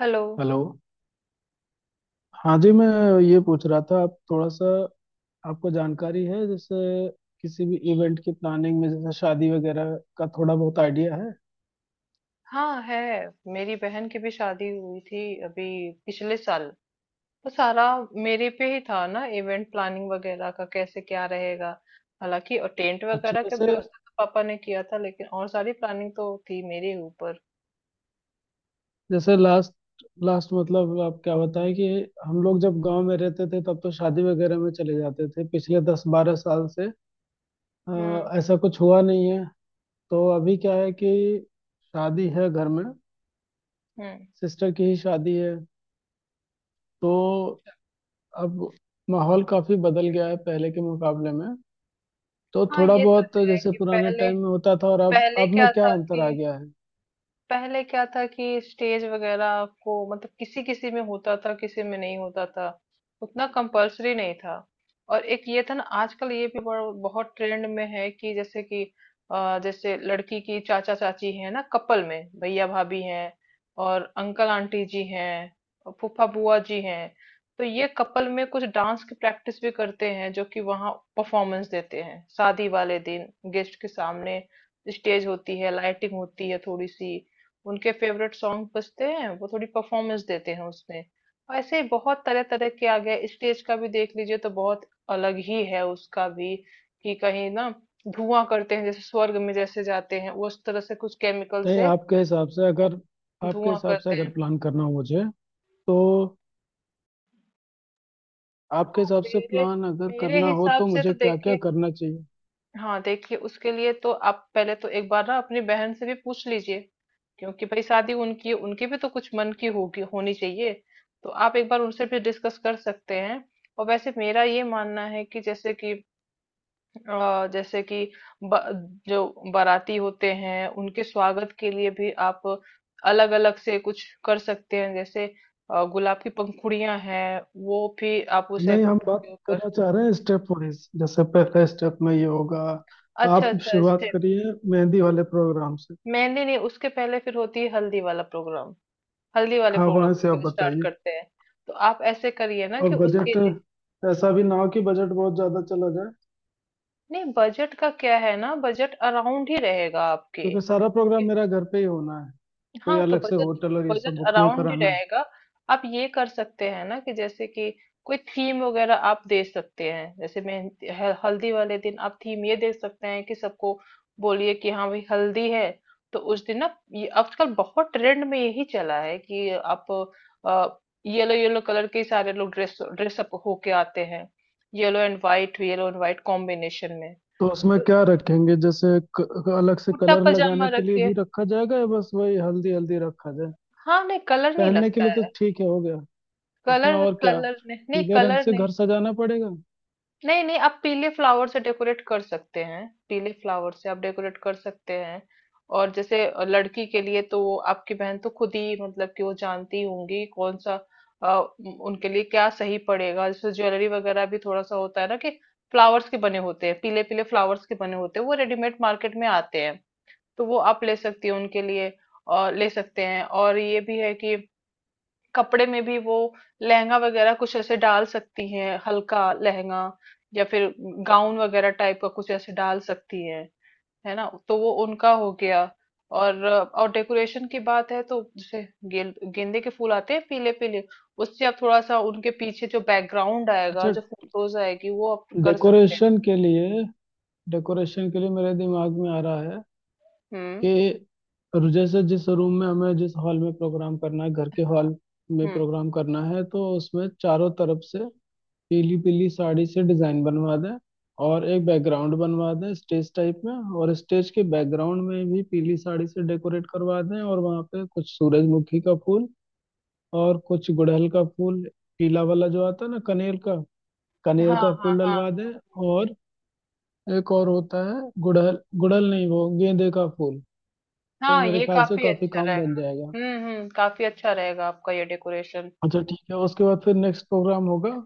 Hello. Hello. हाँ जी, मैं ये पूछ रहा था आप थोड़ा सा आपको जानकारी है जैसे किसी भी इवेंट की प्लानिंग में, जैसे शादी वगैरह का थोड़ा बहुत आइडिया है। हाँ, है। मेरी बहन की भी शादी हुई थी, अभी पिछले साल। तो सारा मेरे पे ही था ना, इवेंट प्लानिंग वगैरह का, कैसे क्या रहेगा। हालांकि और टेंट अच्छा। वगैरह का जैसे व्यवस्था तो पापा ने किया था, लेकिन और सारी प्लानिंग तो थी मेरे ही ऊपर। जैसे लास्ट लास्ट मतलब आप क्या बताएं कि हम लोग जब गांव में रहते थे तब तो शादी वगैरह में चले जाते थे, पिछले 10 12 साल से अ, हम्म। ऐसा कुछ हुआ नहीं है। तो अभी क्या है कि शादी है घर में, हम्म। सिस्टर की ही शादी है। तो अब माहौल काफी बदल गया है पहले के मुकाबले में। तो हाँ, थोड़ा ये तो बहुत है जैसे कि पुराने पहले टाइम में होता था और अब पहले अब में क्या क्या था अंतर कि आ गया है। पहले क्या था कि स्टेज वगैरह को, मतलब किसी किसी में होता था, किसी में नहीं होता था। उतना कंपल्सरी नहीं था। और एक ये था ना, आजकल ये भी बहुत ट्रेंड में है कि जैसे कि जैसे लड़की की चाचा चाची है ना, कपल में भैया भाभी हैं, और अंकल आंटी जी हैं, और फूफा बुआ जी हैं। तो ये कपल में कुछ डांस की प्रैक्टिस भी करते हैं, जो कि वहाँ परफॉर्मेंस देते हैं शादी वाले दिन, गेस्ट के सामने। स्टेज होती है, लाइटिंग होती है थोड़ी सी। उनके फेवरेट सॉन्ग बजते हैं, वो थोड़ी परफॉर्मेंस देते हैं उसमें। ऐसे ही बहुत तरह तरह के आ गए, स्टेज का भी देख लीजिए तो बहुत अलग ही है उसका भी, कि कहीं ना धुआं करते हैं, जैसे स्वर्ग में जैसे जाते हैं उस तरह से, कुछ केमिकल नहीं, से वो आपके धुआं हिसाब से करते अगर हैं। प्लान करना हो मुझे, तो आपके हिसाब से मेरे प्लान अगर मेरे करना हो हिसाब तो से तो मुझे क्या क्या देखिए, करना चाहिए। हाँ देखिए, उसके लिए तो आप पहले तो एक बार ना अपनी बहन से भी पूछ लीजिए, क्योंकि भाई शादी उनकी है, उनकी भी तो कुछ मन की होगी, होनी चाहिए। तो आप एक बार उनसे भी डिस्कस कर सकते हैं। और वैसे मेरा ये मानना है कि जैसे कि जैसे कि ब, जो बाराती होते हैं उनके स्वागत के लिए भी आप अलग अलग से कुछ कर सकते हैं, जैसे गुलाब की पंखुड़ियां हैं वो भी आप उसे। नहीं, हम बात करना चाह रहे हैं स्टेप वाइज, जैसे पहले स्टेप में ये होगा। अच्छा, आप अच्छा। शुरुआत करिए मेहंदी वाले प्रोग्राम से। मेहंदी नहीं, उसके पहले फिर होती है हल्दी वाला प्रोग्राम। हल्दी वाले हाँ प्रोग्राम वहां से से आप फिर स्टार्ट बताइए। करते हैं। तो आप ऐसे करिए ना और कि उसके बजट लिए। ऐसा भी ना हो कि बजट बहुत ज्यादा चला जाए, नहीं, बजट का क्या है ना, बजट अराउंड ही रहेगा आपके। क्योंकि सारा प्रोग्राम मेरा घर पे ही होना है, कोई हाँ तो अलग से बजट, होटल और ये सब बजट बुक नहीं अराउंड ही कराना। रहेगा। आप ये कर सकते हैं ना कि जैसे कि कोई थीम वगैरह आप दे सकते हैं, जैसे मेहंदी हल्दी वाले दिन आप थीम ये दे सकते हैं कि सबको बोलिए कि हाँ भाई हल्दी है। तो उस दिन ना, ये आजकल बहुत ट्रेंड में यही चला है कि आप येलो येलो कलर के ही सारे लोग ड्रेस ड्रेसअप होके आते हैं, yellow and white, yellow and white combination में। तो उसमें तो क्या रखेंगे जैसे क, क- अलग से कुर्ता कलर पजामा लगाने के लिए रखिए। भी रखा जाएगा या बस वही हल्दी हल्दी रखा जाए। हाँ, नहीं कलर नहीं पहनने के लगता लिए तो है। ठीक है हो गया। उसमें कलर, और क्या कलर नहीं, नहीं पीले रंग कलर से नहीं। घर सजाना पड़ेगा। नहीं नहीं, आप पीले फ्लावर से डेकोरेट कर सकते हैं, पीले फ्लावर से आप डेकोरेट कर सकते हैं। और जैसे लड़की के लिए तो वो आपकी बहन तो खुद ही, मतलब कि वो जानती होंगी कौन सा अ, उनके लिए क्या सही पड़ेगा। जैसे ज्वेलरी वगैरह भी थोड़ा सा होता है ना, कि फ्लावर्स के बने होते हैं, पीले पीले फ्लावर्स के बने होते हैं, वो रेडीमेड मार्केट में आते हैं। तो वो आप ले सकती हो उनके लिए और ले सकते हैं। और ये भी है कि कपड़े में भी वो लहंगा वगैरह कुछ ऐसे डाल सकती हैं, हल्का लहंगा, या फिर गाउन वगैरह टाइप का कुछ ऐसे डाल सकती हैं, है ना। तो वो उनका हो गया। और डेकोरेशन की बात है तो जैसे गेंदे के फूल आते हैं पीले पीले, उससे आप थोड़ा सा उनके पीछे जो बैकग्राउंड आएगा, अच्छा। जो फोटोज आएगी वो आप कर सकते हैं। डेकोरेशन के लिए, डेकोरेशन के लिए मेरे दिमाग में आ रहा है हम्म। कि जैसे जिस रूम में हमें, जिस हॉल में प्रोग्राम करना है, घर के हाँ। हॉल में हम्म। प्रोग्राम करना है, तो उसमें चारों तरफ से पीली पीली साड़ी से डिजाइन बनवा दें, और एक बैकग्राउंड बनवा दें स्टेज टाइप में, और स्टेज के बैकग्राउंड में भी पीली साड़ी से डेकोरेट करवा दें, और वहाँ पे कुछ सूरजमुखी का फूल और कुछ गुड़हल का फूल, पीला वाला जो आता है ना कनेर का, कनेर हाँ हाँ का हाँ फूल हाँ। डलवा दें। और एक और होता है गुड़हल, गुड़हल नहीं वो गेंदे का फूल। तो हाँ, मेरे ये ख्याल से काफी काफी अच्छा काम बन रहेगा। जाएगा। हम्म, काफी अच्छा रहेगा आपका ये डेकोरेशन। अच्छा ठीक है, उसके बाद फिर नेक्स्ट प्रोग्राम होगा।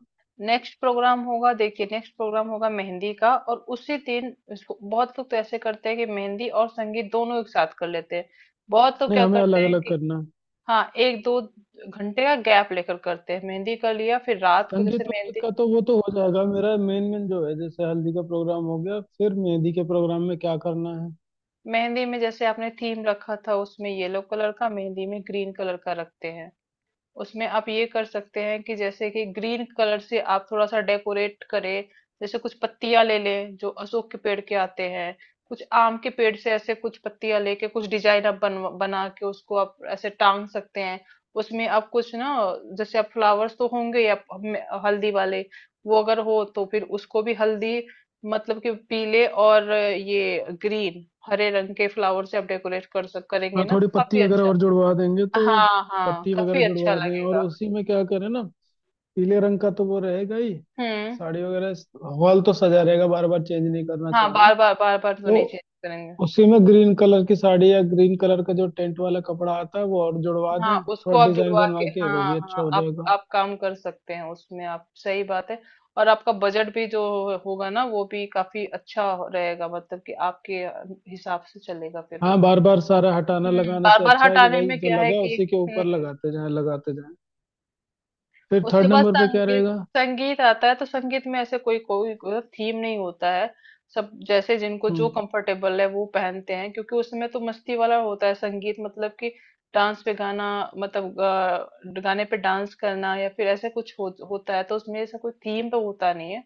नेक्स्ट प्रोग्राम होगा, देखिए नेक्स्ट प्रोग्राम होगा मेहंदी का, और उसी दिन इसको बहुत लोग तो ऐसे करते हैं कि मेहंदी और संगीत दोनों एक साथ कर लेते हैं। बहुत तो नहीं, क्या हमें अलग करते हैं अलग कि करना है। हाँ, एक दो घंटे का गैप लेकर करते हैं। मेहंदी कर लिया फिर रात को, संगीत जैसे वंगीत मेहंदी का तो वो तो हो जाएगा, मेरा मेन मेन जो है, जैसे हल्दी का प्रोग्राम हो गया, फिर मेहंदी के प्रोग्राम में क्या करना है। मेहंदी में जैसे आपने थीम रखा था उसमें येलो कलर का, मेहंदी में ग्रीन कलर का रखते हैं। उसमें आप ये कर सकते हैं कि जैसे कि ग्रीन कलर से आप थोड़ा सा डेकोरेट करें, जैसे कुछ पत्तियां ले लें जो अशोक के पेड़ के आते हैं, कुछ आम के पेड़ से ऐसे कुछ पत्तियां लेके कुछ डिजाइन आप बन बना के उसको आप ऐसे टांग सकते हैं। उसमें आप कुछ ना, जैसे आप फ्लावर्स तो होंगे ही, आप हल्दी वाले वो अगर हो तो फिर उसको भी हल्दी, मतलब कि पीले और ये ग्रीन, हरे रंग के फ्लावर से आप डेकोरेट कर सक करेंगे हाँ ना, थोड़ी तो पत्ती काफी वगैरह अच्छा। और जुड़वा देंगे तो हाँ हाँ, पत्ती वगैरह काफी अच्छा जुड़वा दें, और लगेगा। उसी में क्या करें ना, पीले रंग का तो वो रहेगा ही, हम्म। साड़ी वगैरह। हॉल तो सजा रहेगा, बार बार चेंज नहीं करना हाँ, चाह रहा हूँ। बार बार बार बार तो तो नहीं चेंज करेंगे। उसी में ग्रीन कलर की साड़ी या ग्रीन कलर का जो टेंट वाला कपड़ा आता है वो और जुड़वा हाँ, दें, उसको थोड़ा आप डिजाइन जुड़वा बनवा के, के वो हाँ भी अच्छा हाँ, हो आप जाएगा। आप काम कर सकते हैं उसमें, आप सही बात है। और आपका बजट भी जो होगा ना वो भी काफी अच्छा रहेगा, मतलब कि आपके हिसाब से चलेगा फिर हाँ वो। बार बार सारा हटाना हम्म, लगाने बार से बार अच्छा है कि हटाने भाई में जो क्या है लगा कि। उसी के ऊपर हम्म। लगाते जाएं, लगाते जाएं। फिर उसके थर्ड बाद नंबर पे क्या संगीत। रहेगा। संगीत आता है तो संगीत में ऐसे कोई कोई थीम नहीं होता है। सब जैसे जिनको जो हम्म। कंफर्टेबल है वो पहनते हैं, क्योंकि उसमें तो मस्ती वाला होता है संगीत, मतलब कि डांस पे गाना, मतलब गाने पे डांस करना या फिर ऐसे कुछ होता है। तो उसमें ऐसा कोई थीम तो होता नहीं है।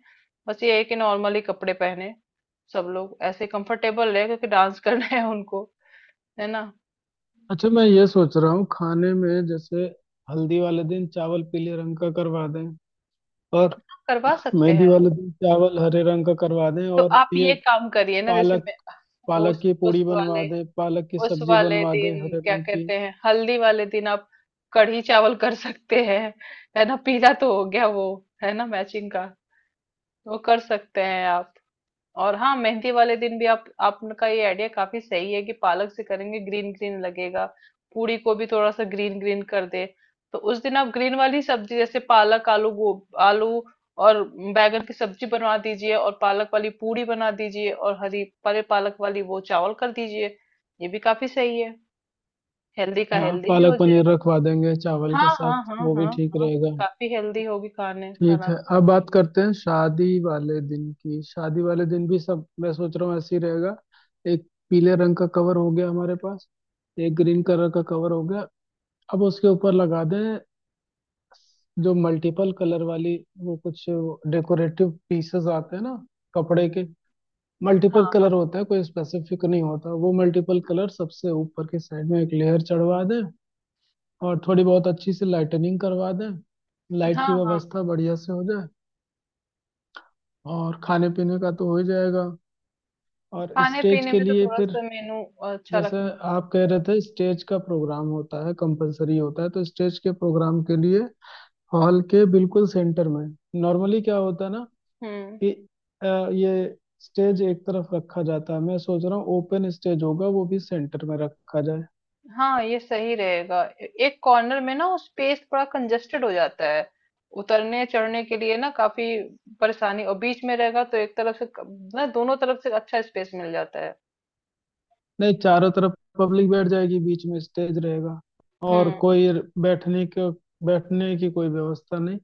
बस ये है कि नॉर्मली कपड़े पहने सब लोग ऐसे कंफर्टेबल है, क्योंकि डांस करना है उनको, है ना। अच्छा मैं ये सोच रहा हूँ खाने में, जैसे हल्दी वाले दिन चावल पीले रंग का करवा दें, और करवा सकते मेहंदी हैं। वाले दिन चावल हरे रंग का करवा दें, तो और आप ये ये काम करिए ना, जैसे पालक मैं, पालक उस की पूड़ी उस बनवा वाले दें, पालक की उस सब्जी वाले बनवा दें दिन हरे क्या रंग की। कहते हैं, हल्दी वाले दिन आप कढ़ी चावल कर सकते हैं, है ना, पीला तो हो गया वो, है ना मैचिंग का। वो कर सकते हैं आप। और हाँ, मेहंदी वाले दिन भी आप, आपका ये आइडिया काफी सही है कि पालक से करेंगे, ग्रीन ग्रीन लगेगा, पूरी को भी थोड़ा सा ग्रीन ग्रीन कर दे। तो उस दिन आप ग्रीन वाली सब्जी जैसे पालक, आलू और बैगन की सब्जी बनवा दीजिए, और पालक वाली पूरी बना दीजिए, और हरी परे पालक वाली वो चावल कर दीजिए। ये भी काफी सही है। हेल्दी का हाँ हेल्दी भी हो पालक पनीर जाएगा। रखवा देंगे चावल हाँ के साथ, हाँ हाँ वो भी हाँ। ठीक हाँ, रहेगा। काफी हेल्दी होगी खाने ठीक खाना है, पे। अब बात करते हैं शादी वाले दिन की। शादी वाले दिन भी सब मैं सोच रहा हूँ ऐसे ही रहेगा। एक पीले रंग का कवर हो गया हमारे पास, एक ग्रीन कलर का कवर हो गया। अब उसके ऊपर लगा दें जो मल्टीपल कलर वाली वो कुछ डेकोरेटिव पीसेस आते हैं ना कपड़े के, मल्टीपल हाँ कलर होता है, कोई स्पेसिफिक नहीं होता, वो मल्टीपल कलर सबसे ऊपर की साइड में एक लेयर चढ़वा दें। और थोड़ी बहुत अच्छी सी लाइटनिंग करवा दें, लाइट हाँ की हाँ हाँ। व्यवस्था बढ़िया से हो जाए। और खाने पीने का तो हो ही जाएगा। और खाने स्टेज पीने के में तो लिए थोड़ा फिर, सा मेनू अच्छा जैसे रखना। आप कह रहे थे स्टेज का प्रोग्राम होता है कंपलसरी होता है, तो स्टेज के प्रोग्राम के लिए हॉल के बिल्कुल सेंटर में, नॉर्मली क्या होता है ना हम्म। कि ये स्टेज एक तरफ रखा जाता है, मैं सोच रहा हूँ ओपन स्टेज होगा वो भी सेंटर में रखा जाए। हाँ, ये सही रहेगा, एक कॉर्नर में ना वो स्पेस थोड़ा कंजेस्टेड हो जाता है, उतरने चढ़ने के लिए ना काफी परेशानी। और बीच में रहेगा तो एक तरफ से ना, दोनों तरफ से अच्छा स्पेस मिल जाता है। नहीं, चारों तरफ पब्लिक बैठ जाएगी, बीच में स्टेज रहेगा, और हम्म। कोई बैठने के बैठने की कोई व्यवस्था नहीं।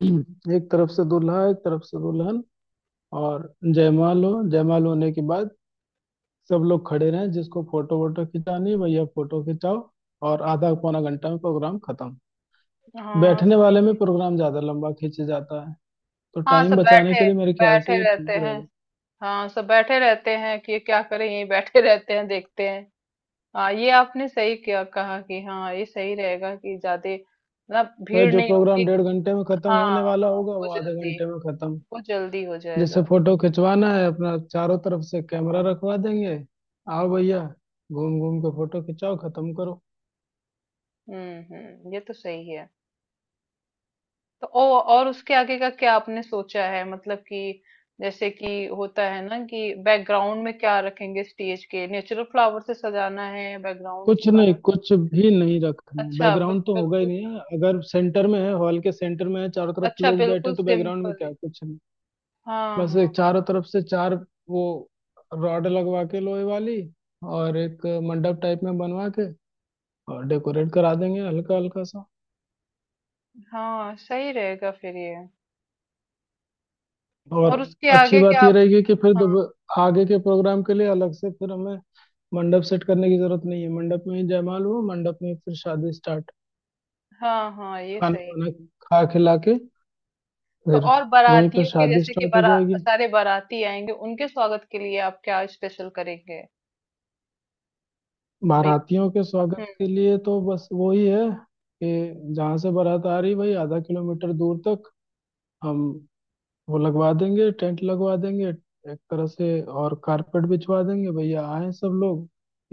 एक तरफ से दूल्हा, एक तरफ से दुल्हन, और जयमाल होने के बाद सब लोग खड़े रहें, जिसको फोटो वोटो खिंचानी है, भैया फोटो खिंचाओ। और आधा पौना घंटा में प्रोग्राम खत्म। हाँ, बैठने सही वाले में है। प्रोग्राम ज्यादा लंबा खींचे जाता है, तो हाँ, टाइम सब बचाने बैठे के लिए मेरे ख्याल बैठे से ये रहते ठीक हैं। रहेगा। हाँ, सब बैठे रहते हैं कि क्या करें, यहीं बैठे रहते हैं देखते हैं। हाँ, ये आपने सही किया, कहा कि हाँ ये सही रहेगा कि ज्यादा ना भाई भीड़ जो नहीं होगी प्रोग्राम डेढ़ तो। घंटे में खत्म हाँ होने वाला हाँ, होगा, वो वो आधे जल्दी, घंटे में खत्म। वो जल्दी हो जिससे जाएगा। फोटो खिंचवाना है अपना, चारों तरफ से कैमरा रखवा देंगे। आओ भैया, घूम घूम के फोटो खिंचाओ, खत्म करो। हम्म, ये तो सही है। तो और उसके आगे का क्या आपने सोचा है, मतलब कि जैसे कि होता है ना कि बैकग्राउंड में क्या रखेंगे स्टेज के, नेचुरल फ्लावर से सजाना है बैकग्राउंड कुछ उसका। नहीं, कुछ भी नहीं रखना, अच्छा, बैकग्राउंड तो होगा ही बिल्कुल। नहीं है। अगर सेंटर में है, हॉल के सेंटर में है, चारों तरफ अच्छा लोग बैठे बिल्कुल हैं, तो बैकग्राउंड में सिंपल है। क्या, कुछ नहीं। हाँ बस हाँ। एक चारों तरफ से चार वो रॉड लगवा के लोहे वाली, और एक मंडप टाइप में बनवा के, और डेकोरेट करा देंगे हल्का हल्का सा। हाँ, सही रहेगा फिर ये। और और उसके अच्छी आगे क्या बात ये आप। रहेगी कि फिर हाँ आगे के प्रोग्राम के लिए अलग से फिर हमें मंडप सेट करने की जरूरत नहीं है। मंडप में ही जयमाल हुआ, मंडप में फिर शादी स्टार्ट, हाँ हाँ, ये खाना सही। वाना खा खिला के, तो फिर और वहीं पर बारातियों के, शादी जैसे कि स्टार्ट हो बारा जाएगी। सारे बाराती आएंगे उनके स्वागत के लिए आप क्या स्पेशल करेंगे। भाई। बारातियों के स्वागत हम्म। के लिए तो बस वही है कि जहाँ से बारात आ रही, वही आधा किलोमीटर दूर तक हम वो लगवा देंगे, टेंट लगवा देंगे एक तरह से, और कारपेट बिछवा देंगे, भैया आए सब लोग,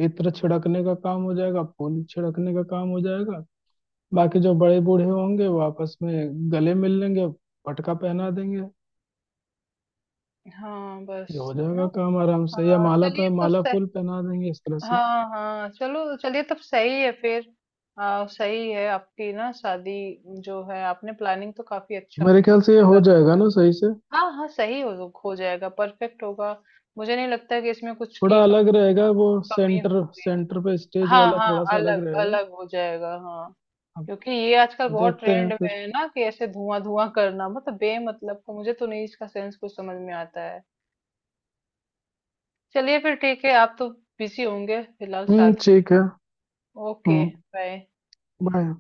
इत्र छिड़कने का काम हो जाएगा, फूल छिड़कने का काम हो जाएगा, बाकी जो बड़े बूढ़े होंगे वो आपस में गले मिल लेंगे, पटका पहना देंगे। हाँ बस। ये हो है जाएगा ना। काम आराम से, या हाँ माला चलिए पे तो माला फूल पहना देंगे इस तरह से। हाँ हाँ, चलो चलिए तब सही है फिर। सही है आपकी ना, शादी जो है, आपने प्लानिंग तो काफी अच्छा मेरे ख्याल से ये हो कर। जाएगा ना सही से। हाँ हाँ सही, हो जाएगा, परफेक्ट होगा। मुझे नहीं लगता कि इसमें कुछ की थोड़ा अलग रहेगा वो, कमी हो। सेंटर सेंटर पे स्टेज हाँ वाला हाँ, थोड़ा सा अलग अलग रहेगा। अलग हो जाएगा। हाँ। अब क्योंकि ये आजकल बहुत देखते हैं ट्रेंड में फिर। है ना कि ऐसे धुआं धुआं करना, मतलब बेमतलब का, मुझे तो नहीं इसका सेंस कुछ समझ में आता है। चलिए फिर ठीक है, आप तो बिजी होंगे फिलहाल हम्म, शादी। ठीक है। ओके, हम्म। बाय। बाय।